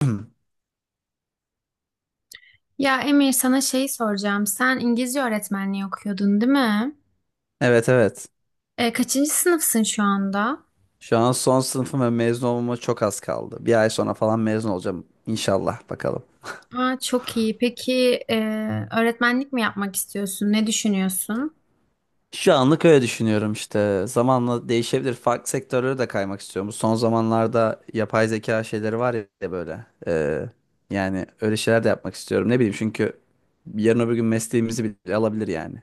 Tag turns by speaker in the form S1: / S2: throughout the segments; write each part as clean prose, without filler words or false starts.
S1: Ya Emir sana şeyi soracağım. Sen İngilizce öğretmenliği okuyordun, değil mi?
S2: Evet evet.
S1: Kaçıncı sınıfsın şu anda?
S2: Şu an son sınıfım ve mezun olmama çok az kaldı. Bir ay sonra falan mezun olacağım. İnşallah bakalım.
S1: Aa, çok iyi. Peki e, öğretmenlik mi yapmak istiyorsun? Ne düşünüyorsun?
S2: Şu anlık öyle düşünüyorum işte. Zamanla değişebilir. Farklı sektörlere de kaymak istiyorum. Son zamanlarda yapay zeka şeyleri var ya böyle. Yani öyle şeyler de yapmak istiyorum. Ne bileyim çünkü yarın öbür gün mesleğimizi bile alabilir yani.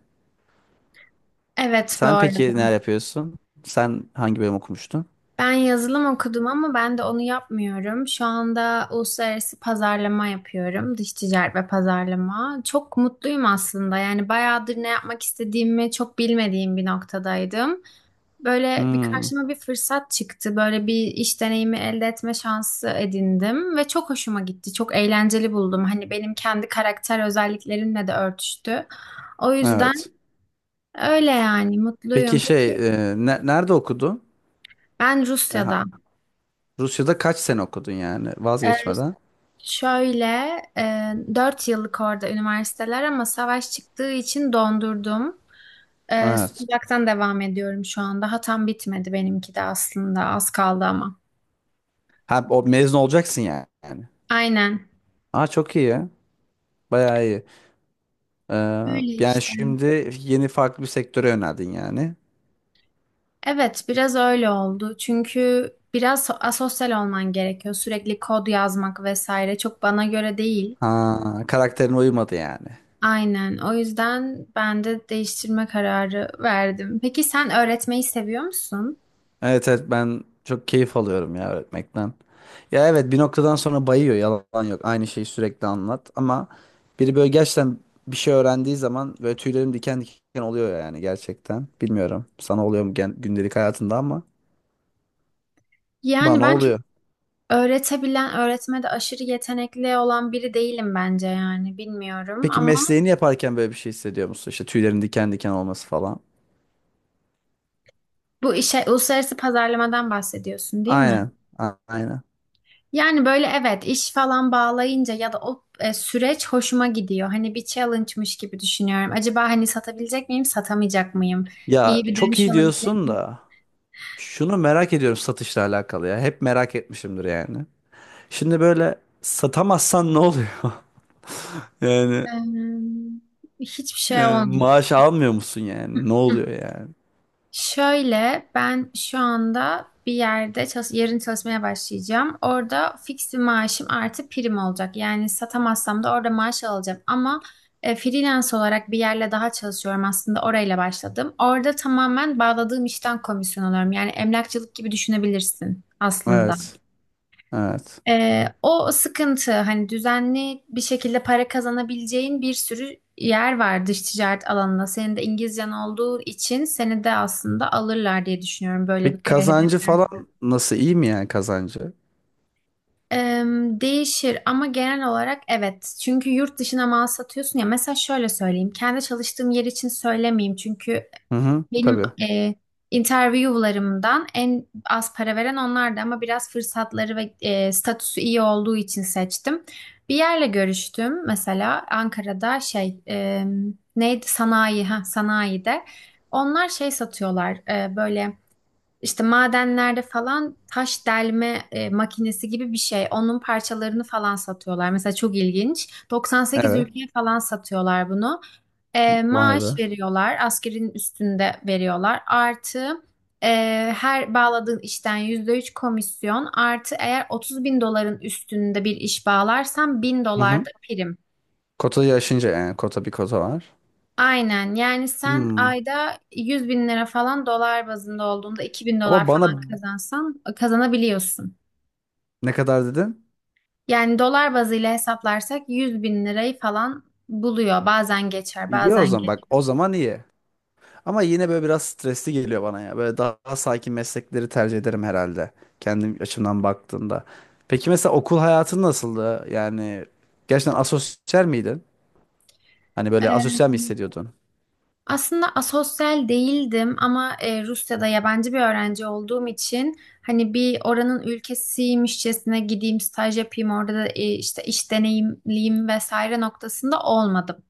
S1: Evet, bu
S2: Sen peki neler
S1: arada.
S2: yapıyorsun? Sen hangi bölüm okumuştun?
S1: Ben yazılım okudum ama ben de onu yapmıyorum. Şu anda uluslararası pazarlama yapıyorum. Dış ticaret ve pazarlama. Çok mutluyum aslında. Yani bayağıdır ne yapmak istediğimi çok bilmediğim bir noktadaydım. Böyle bir
S2: Hmm,
S1: karşıma bir fırsat çıktı. Böyle bir iş deneyimi elde etme şansı edindim ve çok hoşuma gitti. Çok eğlenceli buldum. Hani benim kendi karakter özelliklerimle de örtüştü. O yüzden
S2: evet.
S1: öyle yani,
S2: Peki
S1: mutluyum. Peki
S2: nerede okudun?
S1: ben Rusya'da.
S2: Rusya'da kaç sene okudun yani
S1: Ee,
S2: vazgeçmeden?
S1: Şöyle, 4 yıllık orada üniversiteler ama savaş çıktığı için dondurdum.
S2: Evet.
S1: Sıcaktan devam ediyorum şu anda. Daha tam bitmedi benimki de aslında. Az kaldı ama.
S2: Ha, o mezun olacaksın yani.
S1: Aynen.
S2: Aa çok iyi ya. Bayağı iyi. Ee,
S1: Öyle
S2: yani
S1: işte.
S2: şimdi yeni farklı bir sektöre yöneldin yani.
S1: Evet, biraz öyle oldu. Çünkü biraz asosyal olman gerekiyor. Sürekli kod yazmak vesaire çok bana göre değil.
S2: Ha karakterine uymadı yani.
S1: Aynen. O yüzden ben de değiştirme kararı verdim. Peki sen öğretmeyi seviyor musun?
S2: Evet evet, ben çok keyif alıyorum ya öğretmekten. Ya evet, bir noktadan sonra bayıyor, yalan yok. Aynı şeyi sürekli anlat ama biri böyle gerçekten bir şey öğrendiği zaman böyle tüylerim diken diken oluyor yani gerçekten. Bilmiyorum sana oluyor mu gündelik hayatında ama
S1: Yani
S2: bana
S1: ben çok
S2: oluyor.
S1: öğretebilen, öğretmede aşırı yetenekli olan biri değilim bence, yani bilmiyorum
S2: Peki
S1: ama
S2: mesleğini yaparken böyle bir şey hissediyor musun? İşte tüylerin diken diken olması falan.
S1: bu işe, uluslararası pazarlamadan bahsediyorsun, değil mi?
S2: Aynen. Aynen.
S1: Yani böyle evet, iş falan bağlayınca ya da o süreç hoşuma gidiyor. Hani bir challenge'mış gibi düşünüyorum. Acaba hani satabilecek miyim, satamayacak mıyım? İyi
S2: Ya
S1: bir
S2: çok
S1: dönüş
S2: iyi
S1: alabilecek
S2: diyorsun
S1: miyim?
S2: da şunu merak ediyorum, satışla alakalı ya. Hep merak etmişimdir yani. Şimdi böyle satamazsan ne oluyor? Yani
S1: Hiçbir şey olmuyor.
S2: maaş almıyor musun yani? Ne oluyor yani?
S1: Şöyle, ben şu anda bir yerde çalış yarın çalışmaya başlayacağım. Orada fix bir maaşım artı prim olacak. Yani satamazsam da orada maaş alacağım. Ama freelance olarak bir yerle daha çalışıyorum, aslında orayla başladım. Orada tamamen bağladığım işten komisyon alıyorum. Yani emlakçılık gibi düşünebilirsin aslında.
S2: Evet. Evet.
S1: O sıkıntı, hani düzenli bir şekilde para kazanabileceğin bir sürü yer var dış ticaret alanında. Senin de İngilizcen olduğu için seni de aslında alırlar diye düşünüyorum, böyle
S2: Peki
S1: bir kariyer
S2: kazancı
S1: hedefleri.
S2: falan nasıl? İyi mi yani kazancı?
S1: Ee, Değişir ama genel olarak evet. Çünkü yurt dışına mal satıyorsun ya. Mesela şöyle söyleyeyim. Kendi çalıştığım yer için söylemeyeyim. Çünkü
S2: Hı hı.
S1: benim
S2: Tabii.
S1: e, interview'larımdan en az para veren onlardı ama biraz fırsatları ve statüsü iyi olduğu için seçtim. Bir yerle görüştüm mesela Ankara'da, şey neydi, sanayi, ha sanayide. Onlar şey satıyorlar, böyle. İşte madenlerde falan taş delme makinesi gibi bir şey. Onun parçalarını falan satıyorlar. Mesela çok ilginç. 98
S2: Evet.
S1: ülkeye falan satıyorlar bunu.
S2: Vay
S1: Maaş
S2: be.
S1: veriyorlar. Askerin üstünde veriyorlar. Artı e, her bağladığın işten %3 komisyon. Artı eğer 30 bin doların üstünde bir iş bağlarsan bin
S2: Hı
S1: dolar
S2: hı.
S1: da prim.
S2: Kotayı aşınca yani. Bir kota var.
S1: Aynen, yani sen
S2: Hmm.
S1: ayda 100.000 lira falan, dolar bazında olduğunda 2.000 dolar
S2: Ama
S1: falan
S2: bana.
S1: kazansan, kazanabiliyorsun.
S2: Ne kadar dedin?
S1: Yani dolar bazıyla hesaplarsak 100 bin lirayı falan buluyor. Bazen geçer,
S2: İyi o
S1: bazen
S2: zaman, bak
S1: geliyor.
S2: o zaman iyi. Ama yine böyle biraz stresli geliyor bana ya. Böyle daha sakin meslekleri tercih ederim herhalde. Kendim açımdan baktığımda. Peki mesela okul hayatın nasıldı? Yani gerçekten asosyal miydin? Hani böyle
S1: Ee,
S2: asosyal mi hissediyordun?
S1: Aslında asosyal değildim ama Rusya'da yabancı bir öğrenci olduğum için hani bir oranın ülkesiymişçesine gideyim, staj yapayım orada da işte iş deneyimliyim vesaire noktasında olmadı.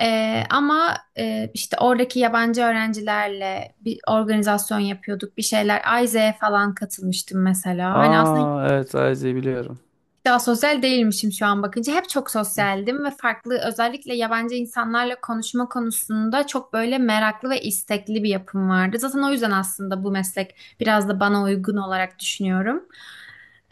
S1: Ama işte oradaki yabancı öğrencilerle bir organizasyon yapıyorduk, bir şeyler. Ayze'ye falan katılmıştım mesela. Hani aslında hiç
S2: Aa evet, Ayze'yi biliyorum.
S1: daha sosyal değilmişim şu an bakınca. Hep çok sosyaldim ve farklı, özellikle yabancı insanlarla konuşma konusunda çok böyle meraklı ve istekli bir yapım vardı. Zaten o yüzden aslında bu meslek biraz da bana uygun olarak düşünüyorum.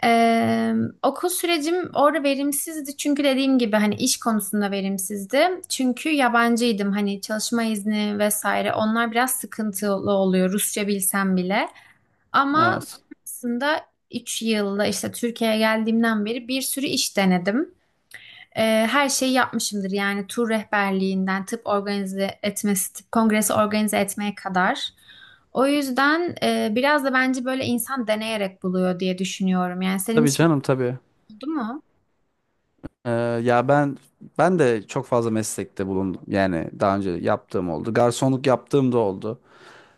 S1: Ee, Okul sürecim orada verimsizdi çünkü dediğim gibi hani iş konusunda verimsizdi. Çünkü yabancıydım, hani çalışma izni vesaire, onlar biraz sıkıntılı oluyor Rusça bilsem bile. Ama
S2: Evet.
S1: sonrasında 3 yılda, işte Türkiye'ye geldiğimden beri bir sürü iş denedim. Her şeyi yapmışımdır yani, tur rehberliğinden tıp organize etmesi, tıp kongresi organize etmeye kadar. O yüzden biraz da bence böyle insan deneyerek buluyor diye düşünüyorum. Yani senin
S2: Tabii
S1: hiç
S2: canım, tabii.
S1: oldu mu?
S2: Ee, ya ben de çok fazla meslekte bulundum. Yani daha önce yaptığım oldu. Garsonluk yaptığım da oldu.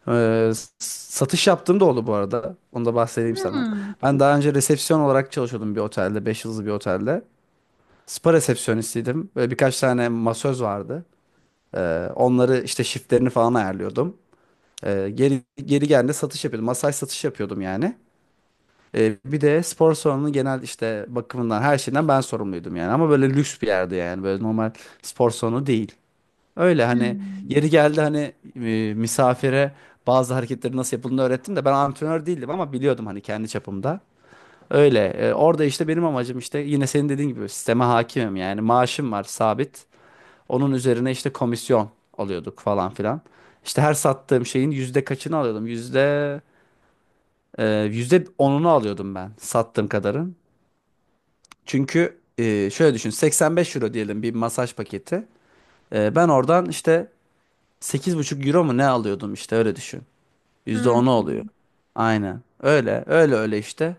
S2: Ee, satış yaptığım da oldu bu arada. Onu da bahsedeyim sana.
S1: Hmm.
S2: Ben daha önce resepsiyon olarak çalışıyordum bir otelde. Beş yıldızlı bir otelde. Spa resepsiyonistiydim. Böyle birkaç tane masöz vardı. Onları işte shiftlerini falan ayarlıyordum. Geri geri geldiğinde satış yapıyordum. Masaj satışı yapıyordum yani. Bir de spor salonunun genel işte bakımından her şeyden ben sorumluydum yani. Ama böyle lüks bir yerdi yani. Böyle normal spor salonu değil. Öyle hani
S1: Hmm.
S2: yeri geldi, hani misafire bazı hareketleri nasıl yapıldığını öğrettim de ben antrenör değildim ama biliyordum hani kendi çapımda. Öyle orada işte benim amacım, işte yine senin dediğin gibi sisteme hakimim yani, maaşım var sabit. Onun üzerine işte komisyon alıyorduk falan filan. İşte her sattığım şeyin yüzde kaçını alıyordum? Yüzde onunu alıyordum ben sattığım kadarın. Çünkü şöyle düşün, 85 euro diyelim bir masaj paketi. Ben oradan işte 8,5 euro mu ne alıyordum işte, öyle düşün. yüzde
S1: Hmm.
S2: onu oluyor. Aynen. Öyle öyle öyle işte.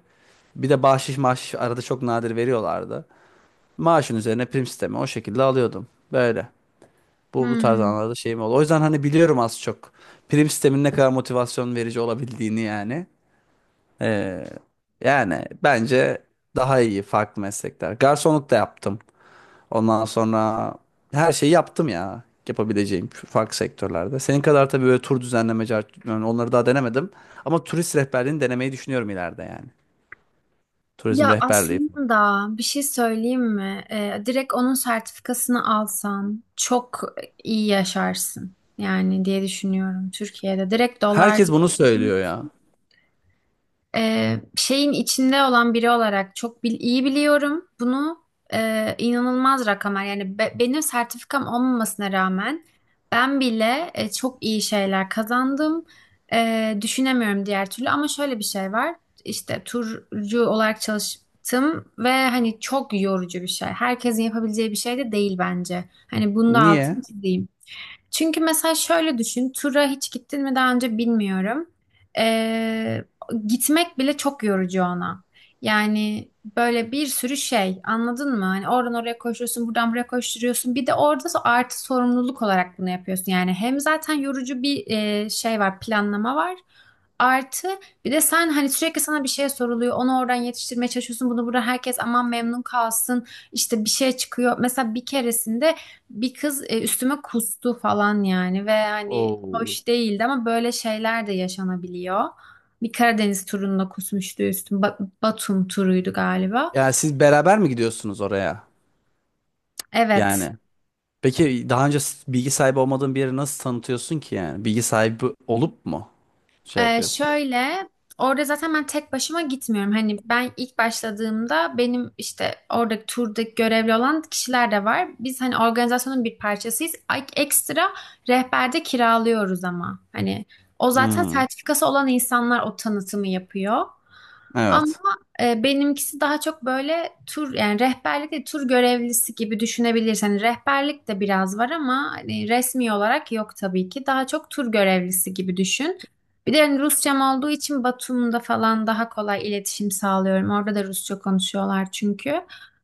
S2: Bir de bahşiş maaş arada çok nadir veriyorlardı. Maaşın üzerine prim sistemi, o şekilde alıyordum. Böyle. Bu tarz
S1: Hmm.
S2: anlarda şeyim oldu. O yüzden hani biliyorum az çok. Prim sistemin ne kadar motivasyon verici olabildiğini yani. Ee, yani bence daha iyi farklı meslekler. Garsonluk da yaptım. Ondan sonra her şeyi yaptım ya. Yapabileceğim farklı sektörlerde. Senin kadar tabii böyle tur düzenleme, yani onları daha denemedim. Ama turist rehberliğini denemeyi düşünüyorum ileride yani. Turizm
S1: Ya
S2: rehberliği.
S1: aslında bir şey söyleyeyim mi? Direkt onun sertifikasını alsan çok iyi yaşarsın. Yani diye düşünüyorum Türkiye'de. Direkt dolar
S2: Herkes bunu söylüyor ya.
S1: şeyin içinde olan biri olarak çok iyi biliyorum. Bunu inanılmaz rakamlar yani, benim sertifikam olmamasına rağmen ben bile çok iyi şeyler kazandım. Düşünemiyorum diğer türlü ama şöyle bir şey var. İşte turcu olarak çalıştım ve hani çok yorucu bir şey. Herkesin yapabileceği bir şey de değil bence. Hani bunu da
S2: Niye?
S1: altını çizeyim. Çünkü mesela şöyle düşün, tura hiç gittin mi daha önce, bilmiyorum. Ee, Gitmek bile çok yorucu ona. Yani böyle bir sürü şey, anladın mı? Hani oradan oraya koşuyorsun, buradan buraya koşturuyorsun. Bir de orada artı sorumluluk olarak bunu yapıyorsun. Yani hem zaten yorucu bir şey var, planlama var. Artı bir de sen hani sürekli sana bir şey soruluyor. Onu oradan yetiştirmeye çalışıyorsun. Bunu burada herkes aman memnun kalsın. İşte bir şey çıkıyor. Mesela bir keresinde bir kız üstüme kustu falan yani, ve hani
S2: Oo.
S1: hoş değildi ama böyle şeyler de yaşanabiliyor. Bir Karadeniz turunda kusmuştu üstüm. Batum turuydu galiba.
S2: Yani siz beraber mi gidiyorsunuz oraya?
S1: Evet.
S2: Yani. Peki daha önce bilgi sahibi olmadığın bir yeri nasıl tanıtıyorsun ki yani? Bilgi sahibi olup mu şey yapıyorsun?
S1: Şöyle, orada zaten ben tek başıma gitmiyorum. Hani ben ilk başladığımda, benim işte oradaki turdaki görevli olan kişiler de var. Biz hani organizasyonun bir parçasıyız. Ekstra rehberde kiralıyoruz ama. Hani o zaten
S2: Hmm,
S1: sertifikası olan insanlar o tanıtımı yapıyor.
S2: evet.
S1: Ama benimkisi daha çok böyle tur, yani rehberlik de tur görevlisi gibi düşünebilirsin. Hani rehberlik de biraz var ama hani resmi olarak yok tabii ki. Daha çok tur görevlisi gibi düşün. Bir de hani Rusçam olduğu için Batum'da falan daha kolay iletişim sağlıyorum. Orada da Rusça konuşuyorlar çünkü.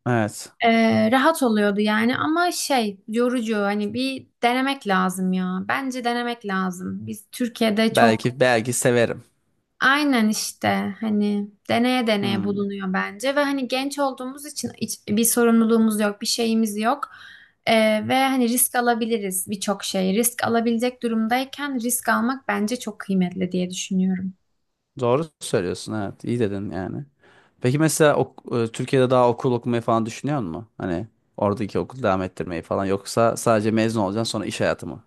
S2: Evet.
S1: Rahat oluyordu yani, ama şey yorucu, hani bir denemek lazım ya. Bence denemek lazım. Biz Türkiye'de çok.
S2: Belki belki severim.
S1: Aynen işte, hani deneye deneye
S2: Hmm.
S1: bulunuyor bence, ve hani genç olduğumuz için hiç bir sorumluluğumuz yok, bir şeyimiz yok. Ve hani risk alabiliriz birçok şey. Risk alabilecek durumdayken risk almak bence çok kıymetli diye düşünüyorum.
S2: Doğru söylüyorsun, evet. İyi dedin yani. Peki mesela Türkiye'de daha okul okumayı falan düşünüyor musun? Hani oradaki okul devam ettirmeyi falan, yoksa sadece mezun olacaksın sonra iş hayatı mı?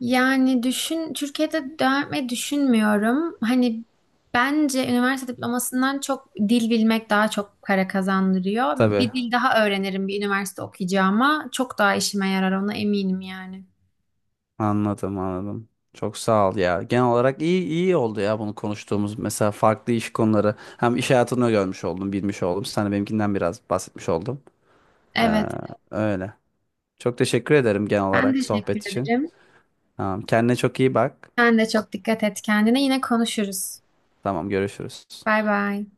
S1: Yani düşün, Türkiye'de devam etmeyi düşünmüyorum. Hani bence üniversite diplomasından çok dil bilmek daha çok para kazandırıyor.
S2: Tabii,
S1: Bir dil daha öğrenirim bir üniversite okuyacağıma. Çok daha işime yarar, ona eminim yani.
S2: anladım anladım. Çok sağ ol ya. Genel olarak iyi iyi oldu ya bunu konuştuğumuz, mesela farklı iş konuları. Hem iş hayatını görmüş oldum, bilmiş oldum. Sana benimkinden biraz bahsetmiş oldum. Ee,
S1: Evet.
S2: öyle. Çok teşekkür ederim genel
S1: Ben
S2: olarak
S1: teşekkür
S2: sohbet için.
S1: ederim.
S2: Tamam, kendine çok iyi bak.
S1: Sen de çok dikkat et kendine. Yine konuşuruz.
S2: Tamam, görüşürüz.
S1: Bay bay.